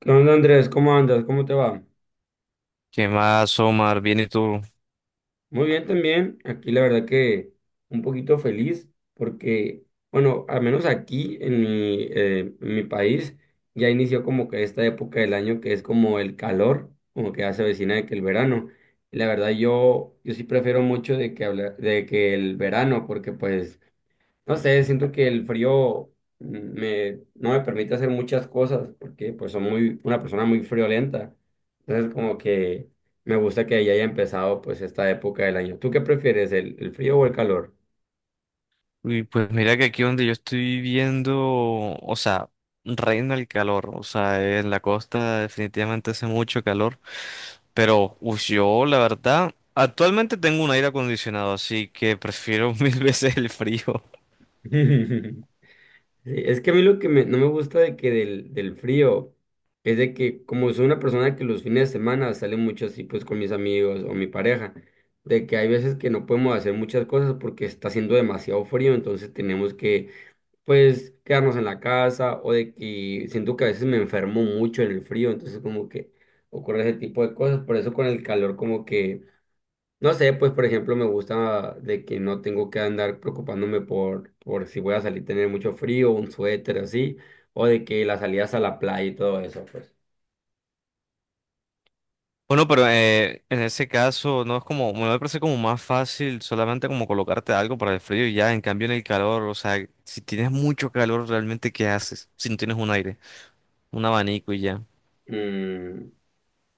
¿Qué onda, Andrés? ¿Cómo andas? ¿Cómo te va? ¿Qué más, Omar? Viene tú. Muy bien también. Aquí la verdad que un poquito feliz porque, bueno, al menos aquí en mi país ya inició como que esta época del año que es como el calor, como que ya se avecina de que el verano. Y la verdad yo sí prefiero mucho de que de que el verano porque pues no sé, siento que el frío mm, no me permite hacer muchas cosas porque pues soy muy, una persona muy friolenta. Entonces como que me gusta que ya haya empezado pues esta época del año. ¿Tú qué prefieres, el frío o el calor? Uy, pues mira que aquí donde yo estoy viviendo, o sea, reina el calor. O sea, en la costa definitivamente hace mucho calor. Pero, uy, yo la verdad, actualmente tengo un aire acondicionado, así que prefiero mil veces el frío. Sí, es que a mí lo que no me gusta de que del frío es de que como soy una persona que los fines de semana sale mucho así pues con mis amigos o mi pareja, de que hay veces que no podemos hacer muchas cosas porque está haciendo demasiado frío, entonces tenemos que pues quedarnos en la casa o de que siento que a veces me enfermo mucho en el frío, entonces como que ocurre ese tipo de cosas, por eso con el calor como que, no sé, pues por ejemplo me gusta de que no tengo que andar preocupándome por si voy a salir tener mucho frío, un suéter así, o de que las salidas a la playa y todo eso, pues. Bueno, pero en ese caso no es como, me parece como más fácil solamente como colocarte algo para el frío y ya, en cambio en el calor, o sea, si tienes mucho calor, realmente ¿qué haces? Si no tienes un aire, un abanico y ya. Mm,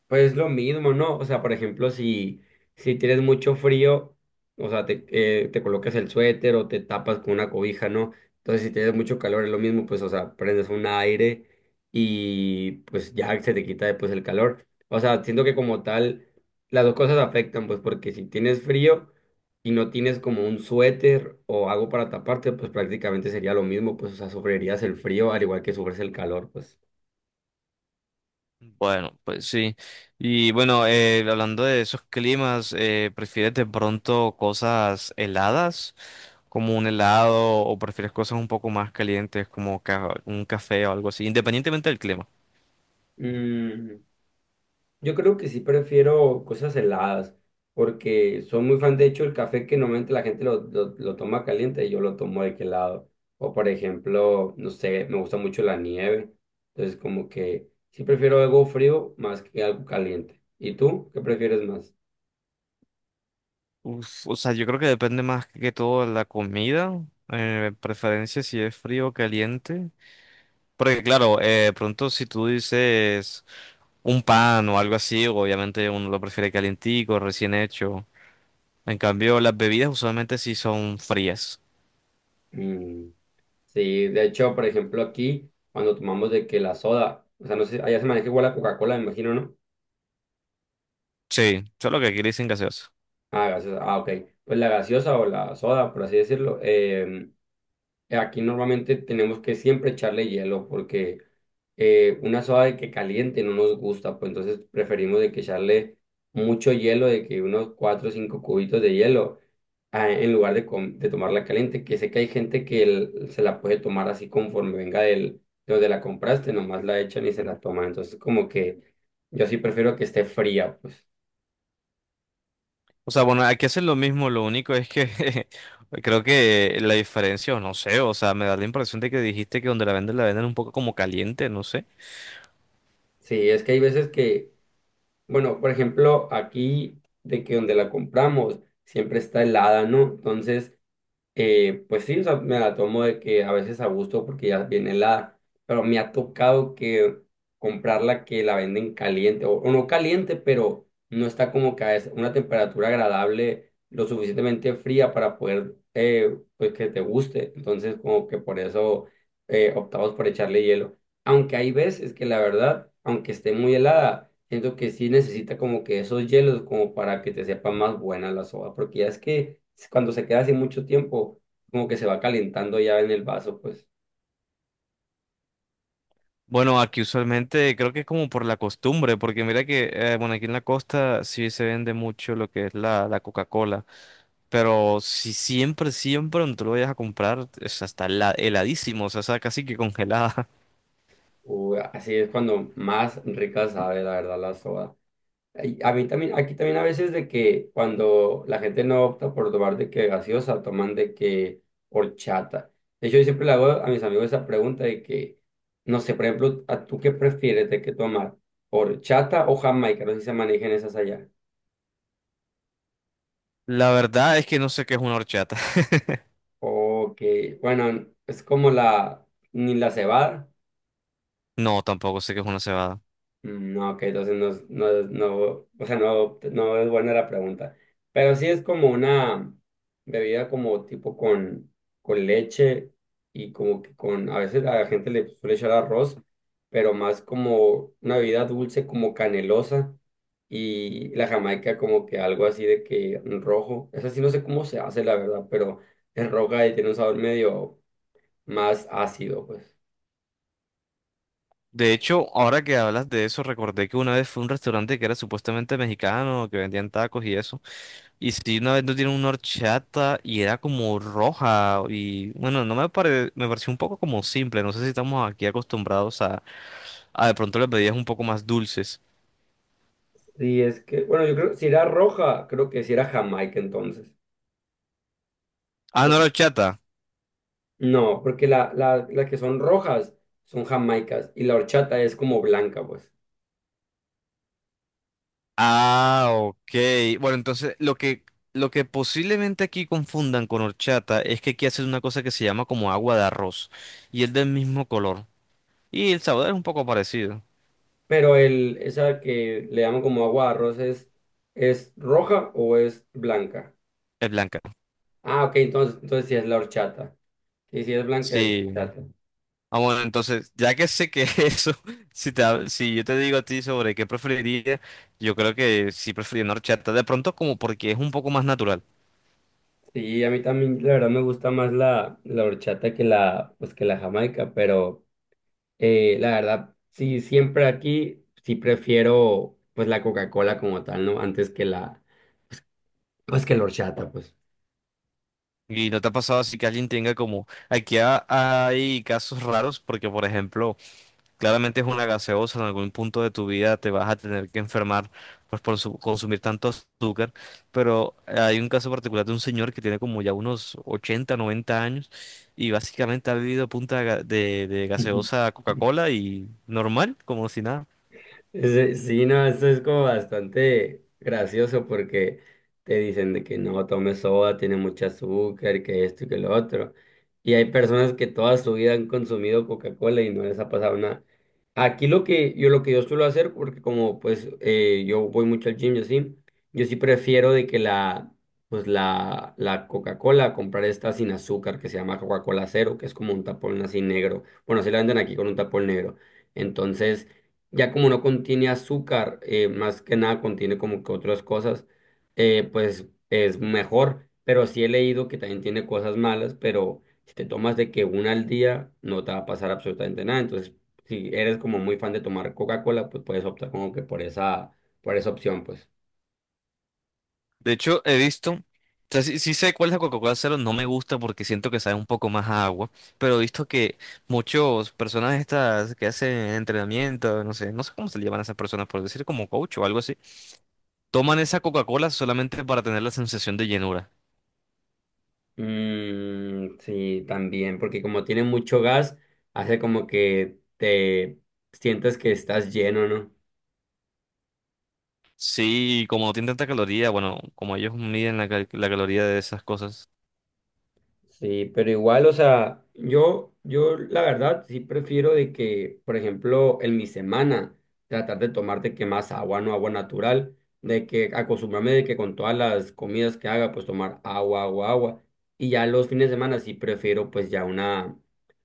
pues lo mismo, ¿no? O sea, por ejemplo, si, si tienes mucho frío, o sea, te colocas el suéter o te tapas con una cobija, ¿no? Entonces, si tienes mucho calor, es lo mismo, pues, o sea, prendes un aire y pues ya se te quita después el calor. O sea, siento que como tal, las dos cosas afectan, pues, porque si tienes frío y no tienes como un suéter o algo para taparte, pues prácticamente sería lo mismo, pues, o sea, sufrirías el frío al igual que sufres el calor, pues. Bueno, pues sí. Y bueno, hablando de esos climas, ¿prefieres de pronto cosas heladas, como un helado, o prefieres cosas un poco más calientes, como un café o algo así, independientemente del clima? Mm. Yo creo que sí prefiero cosas heladas, porque soy muy fan, de hecho, el café que normalmente la gente lo toma caliente, yo lo tomo de que helado. O por ejemplo, no sé, me gusta mucho la nieve. Entonces, como que sí prefiero algo frío más que algo caliente. ¿Y tú qué prefieres más? Uf, o sea, yo creo que depende más que todo de la comida, preferencia si es frío o caliente. Porque claro, pronto si tú dices un pan o algo así, obviamente uno lo prefiere calientico, recién hecho. En cambio, las bebidas usualmente sí son frías. Mm, sí, de hecho, por ejemplo, aquí, cuando tomamos de que la soda, o sea, no sé, allá se maneja igual la Coca-Cola, me imagino, ¿no? Sí, solo que aquí le dicen gaseosa. Ah, gaseosa, ah, ok. Pues la gaseosa o la soda, por así decirlo. Aquí normalmente tenemos que siempre echarle hielo porque una soda de que caliente no nos gusta, pues entonces preferimos de que echarle mucho hielo, de que unos cuatro o cinco cubitos de hielo ah, en lugar de, de tomarla caliente, que sé que hay gente que se la puede tomar así conforme venga del, de donde la compraste, nomás la echan y se la toman. Entonces como que yo sí prefiero que esté fría, pues. O sea, bueno, aquí hacen lo mismo, lo único es que creo que la diferencia, o no sé, o sea, me da la impresión de que dijiste que donde la venden un poco como caliente, no sé. Sí, es que hay veces que, bueno, por ejemplo, aquí de que donde la compramos siempre está helada, ¿no? Entonces, eh, pues sí, o sea, me la tomo de que a veces a gusto porque ya viene helada, pero me ha tocado que comprarla que la venden caliente, o no caliente, pero no está como que a una temperatura agradable, lo suficientemente fría para poder, pues que te guste. Entonces, como que por eso optamos por echarle hielo. Aunque hay veces que la verdad, aunque esté muy helada, siento que sí necesita como que esos hielos como para que te sepa más buena la soda, porque ya es que cuando se queda así mucho tiempo, como que se va calentando ya en el vaso, pues, Bueno, aquí usualmente creo que es como por la costumbre, porque mira que, bueno, aquí en la costa sí se vende mucho lo que es la Coca-Cola, pero si siempre, siempre donde tú lo vayas a comprar, es hasta heladísimo, o sea, está casi que congelada. o así es cuando más rica sabe la verdad la soda. Y a mí también, aquí también a veces de que cuando la gente no opta por tomar de que gaseosa, toman de que horchata. De hecho, yo siempre le hago a mis amigos esa pregunta de que, no sé, por ejemplo, ¿a tú qué prefieres de que tomar? ¿Horchata o jamaica? No sé si se manejan esas allá. La verdad es que no sé qué es una horchata. O que, bueno, es como ni la cebada. No, tampoco sé qué es una cebada. Mm, no, ok, entonces no, no, no, o sea, no es buena la pregunta. Pero sí es como una bebida como tipo con leche y como que con, a veces a la gente le suele echar arroz, pero más como una bebida dulce, como canelosa y la jamaica como que algo así de que rojo. Esa sí no sé cómo se hace, la verdad, pero es roja y tiene un sabor medio más ácido, pues. De hecho, ahora que hablas de eso, recordé que una vez fue un restaurante que era supuestamente mexicano, que vendían tacos y eso. Y sí, una vez no tienen una horchata y era como roja. Y bueno, no me pare- me pareció un poco como simple. No sé si estamos aquí acostumbrados a, de pronto las bebidas un poco más dulces. Sí, es que, bueno, yo creo si era roja, creo que si era jamaica entonces. Ah, no O- era horchata. No, porque las que son rojas son jamaicas y la horchata es como blanca, pues. Ah, ok. Bueno, entonces lo que posiblemente aquí confundan con horchata es que aquí hacen una cosa que se llama como agua de arroz y es del mismo color. Y el sabor es un poco parecido. Pero el, esa que le llaman como agua de arroz ¿es roja o es blanca? Es blanca. Ah, ok, entonces, entonces sí es la horchata. Sí, sí es blanca, es Sí. la horchata. Ah, bueno, entonces, ya que sé que eso, si yo te digo a ti sobre qué preferiría, yo creo que sí preferiría una horchata. De pronto como porque es un poco más natural. Sí, a mí también la verdad me gusta más la horchata que la, pues, que la jamaica, pero... la verdad, sí, siempre aquí sí prefiero pues la Coca-Cola como tal, ¿no? Antes que la, pues que la horchata, pues. Y no te ha pasado así que alguien tenga como... Aquí hay casos raros porque, por ejemplo... Claramente es una gaseosa, en algún punto de tu vida te vas a tener que enfermar pues, consumir tanto azúcar, pero hay un caso particular de un señor que tiene como ya unos 80, 90 años y básicamente ha vivido a punta de, de gaseosa Coca-Cola y normal, como si nada. Sí, sí, no, esto es como bastante gracioso porque te dicen de que no tomes soda, tiene mucho azúcar, que esto y que lo otro. Y hay personas que toda su vida han consumido Coca-Cola y no les ha pasado nada. Aquí lo que yo suelo hacer, porque como pues yo voy mucho al gym, yo sí prefiero de que la pues la Coca-Cola, comprar esta sin azúcar que se llama Coca-Cola Cero, que es como un tapón así negro. Bueno, así la venden aquí con un tapón negro. Entonces, ya como no contiene azúcar, más que nada contiene como que otras cosas, pues es mejor. Pero sí he leído que también tiene cosas malas, pero si te tomas de que una al día, no te va a pasar absolutamente nada. Entonces, si eres como muy fan de tomar Coca-Cola, pues puedes optar como que por esa opción, pues. De hecho, he visto, o sea, sí, sí sé cuál es la Coca-Cola Cero, no me gusta porque siento que sabe un poco más a agua, pero he visto que muchas personas estas que hacen entrenamiento, no sé, no sé cómo se le llaman a esas personas, por decir como coach o algo así. Toman esa Coca-Cola solamente para tener la sensación de llenura. Mm, sí, también, porque como tiene mucho gas, hace como que te sientes que estás lleno, ¿no? Sí, y como no tiene tanta caloría, bueno, como ellos miden la caloría de esas cosas. Sí, pero igual, o sea, yo la verdad sí prefiero de que, por ejemplo, en mi semana, tratar de tomar de que más agua, no agua natural, de que acostumbrarme de que con todas las comidas que haga, pues tomar agua, agua, agua. Y ya los fines de semana sí prefiero pues ya una,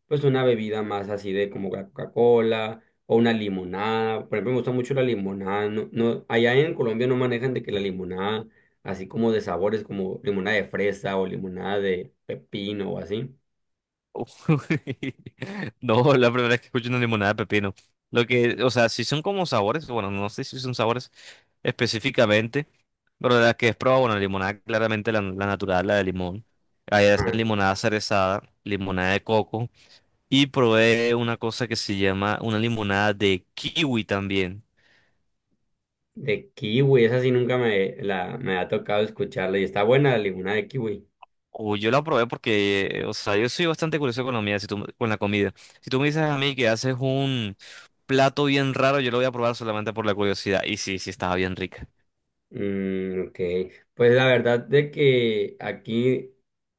pues una bebida más así de como la Coca-Cola o una limonada. Por ejemplo, me gusta mucho la limonada. No, no, allá en Colombia no manejan de que la limonada así como de sabores como limonada de fresa o limonada de pepino o así. Uy, no, la primera vez que escucho una limonada de pepino. Lo que, o sea, si son como sabores, bueno, no sé si son sabores específicamente, pero las que he probado, bueno, limonada claramente la natural, la de limón. Ahí hacen Ah, limonada cerezada, limonada de coco. Y probé una cosa que se llama una limonada de kiwi también. de kiwi, esa sí nunca me ha tocado escucharla y está buena la limonada de kiwi. Uy, yo la probé porque, o sea, yo soy bastante curioso con la comida. Si tú, con la comida. Si tú me dices a mí que haces un plato bien raro, yo lo voy a probar solamente por la curiosidad. Y sí, sí, estaba bien rica. Mm, ok, pues la verdad de que aquí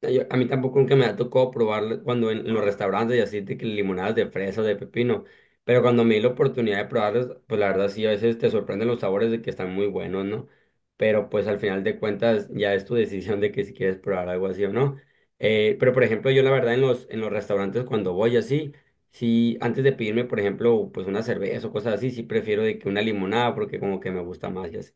yo- a mí tampoco nunca me ha tocado probar cuando en los restaurantes y así de que limonadas de fresa, de pepino, pero cuando me di la oportunidad de probarlas, pues la verdad sí, a veces te sorprenden los sabores de que están muy buenos, ¿no? Pero pues al final de cuentas ya es tu decisión de que si quieres probar algo así o no. Pero por ejemplo, yo la verdad en en los restaurantes cuando voy así, sí, antes de pedirme, por ejemplo, pues una cerveza o cosas así, sí prefiero de que una limonada porque como que me gusta más y así.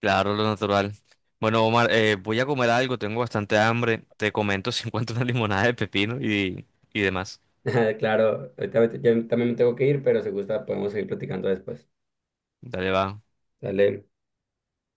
Claro, lo natural. Bueno, Omar, voy a comer algo, tengo bastante hambre. Te comento si encuentro una limonada de pepino y demás. Claro, ahorita ya también me tengo que ir, pero si gusta podemos seguir platicando después. Dale, va. Dale.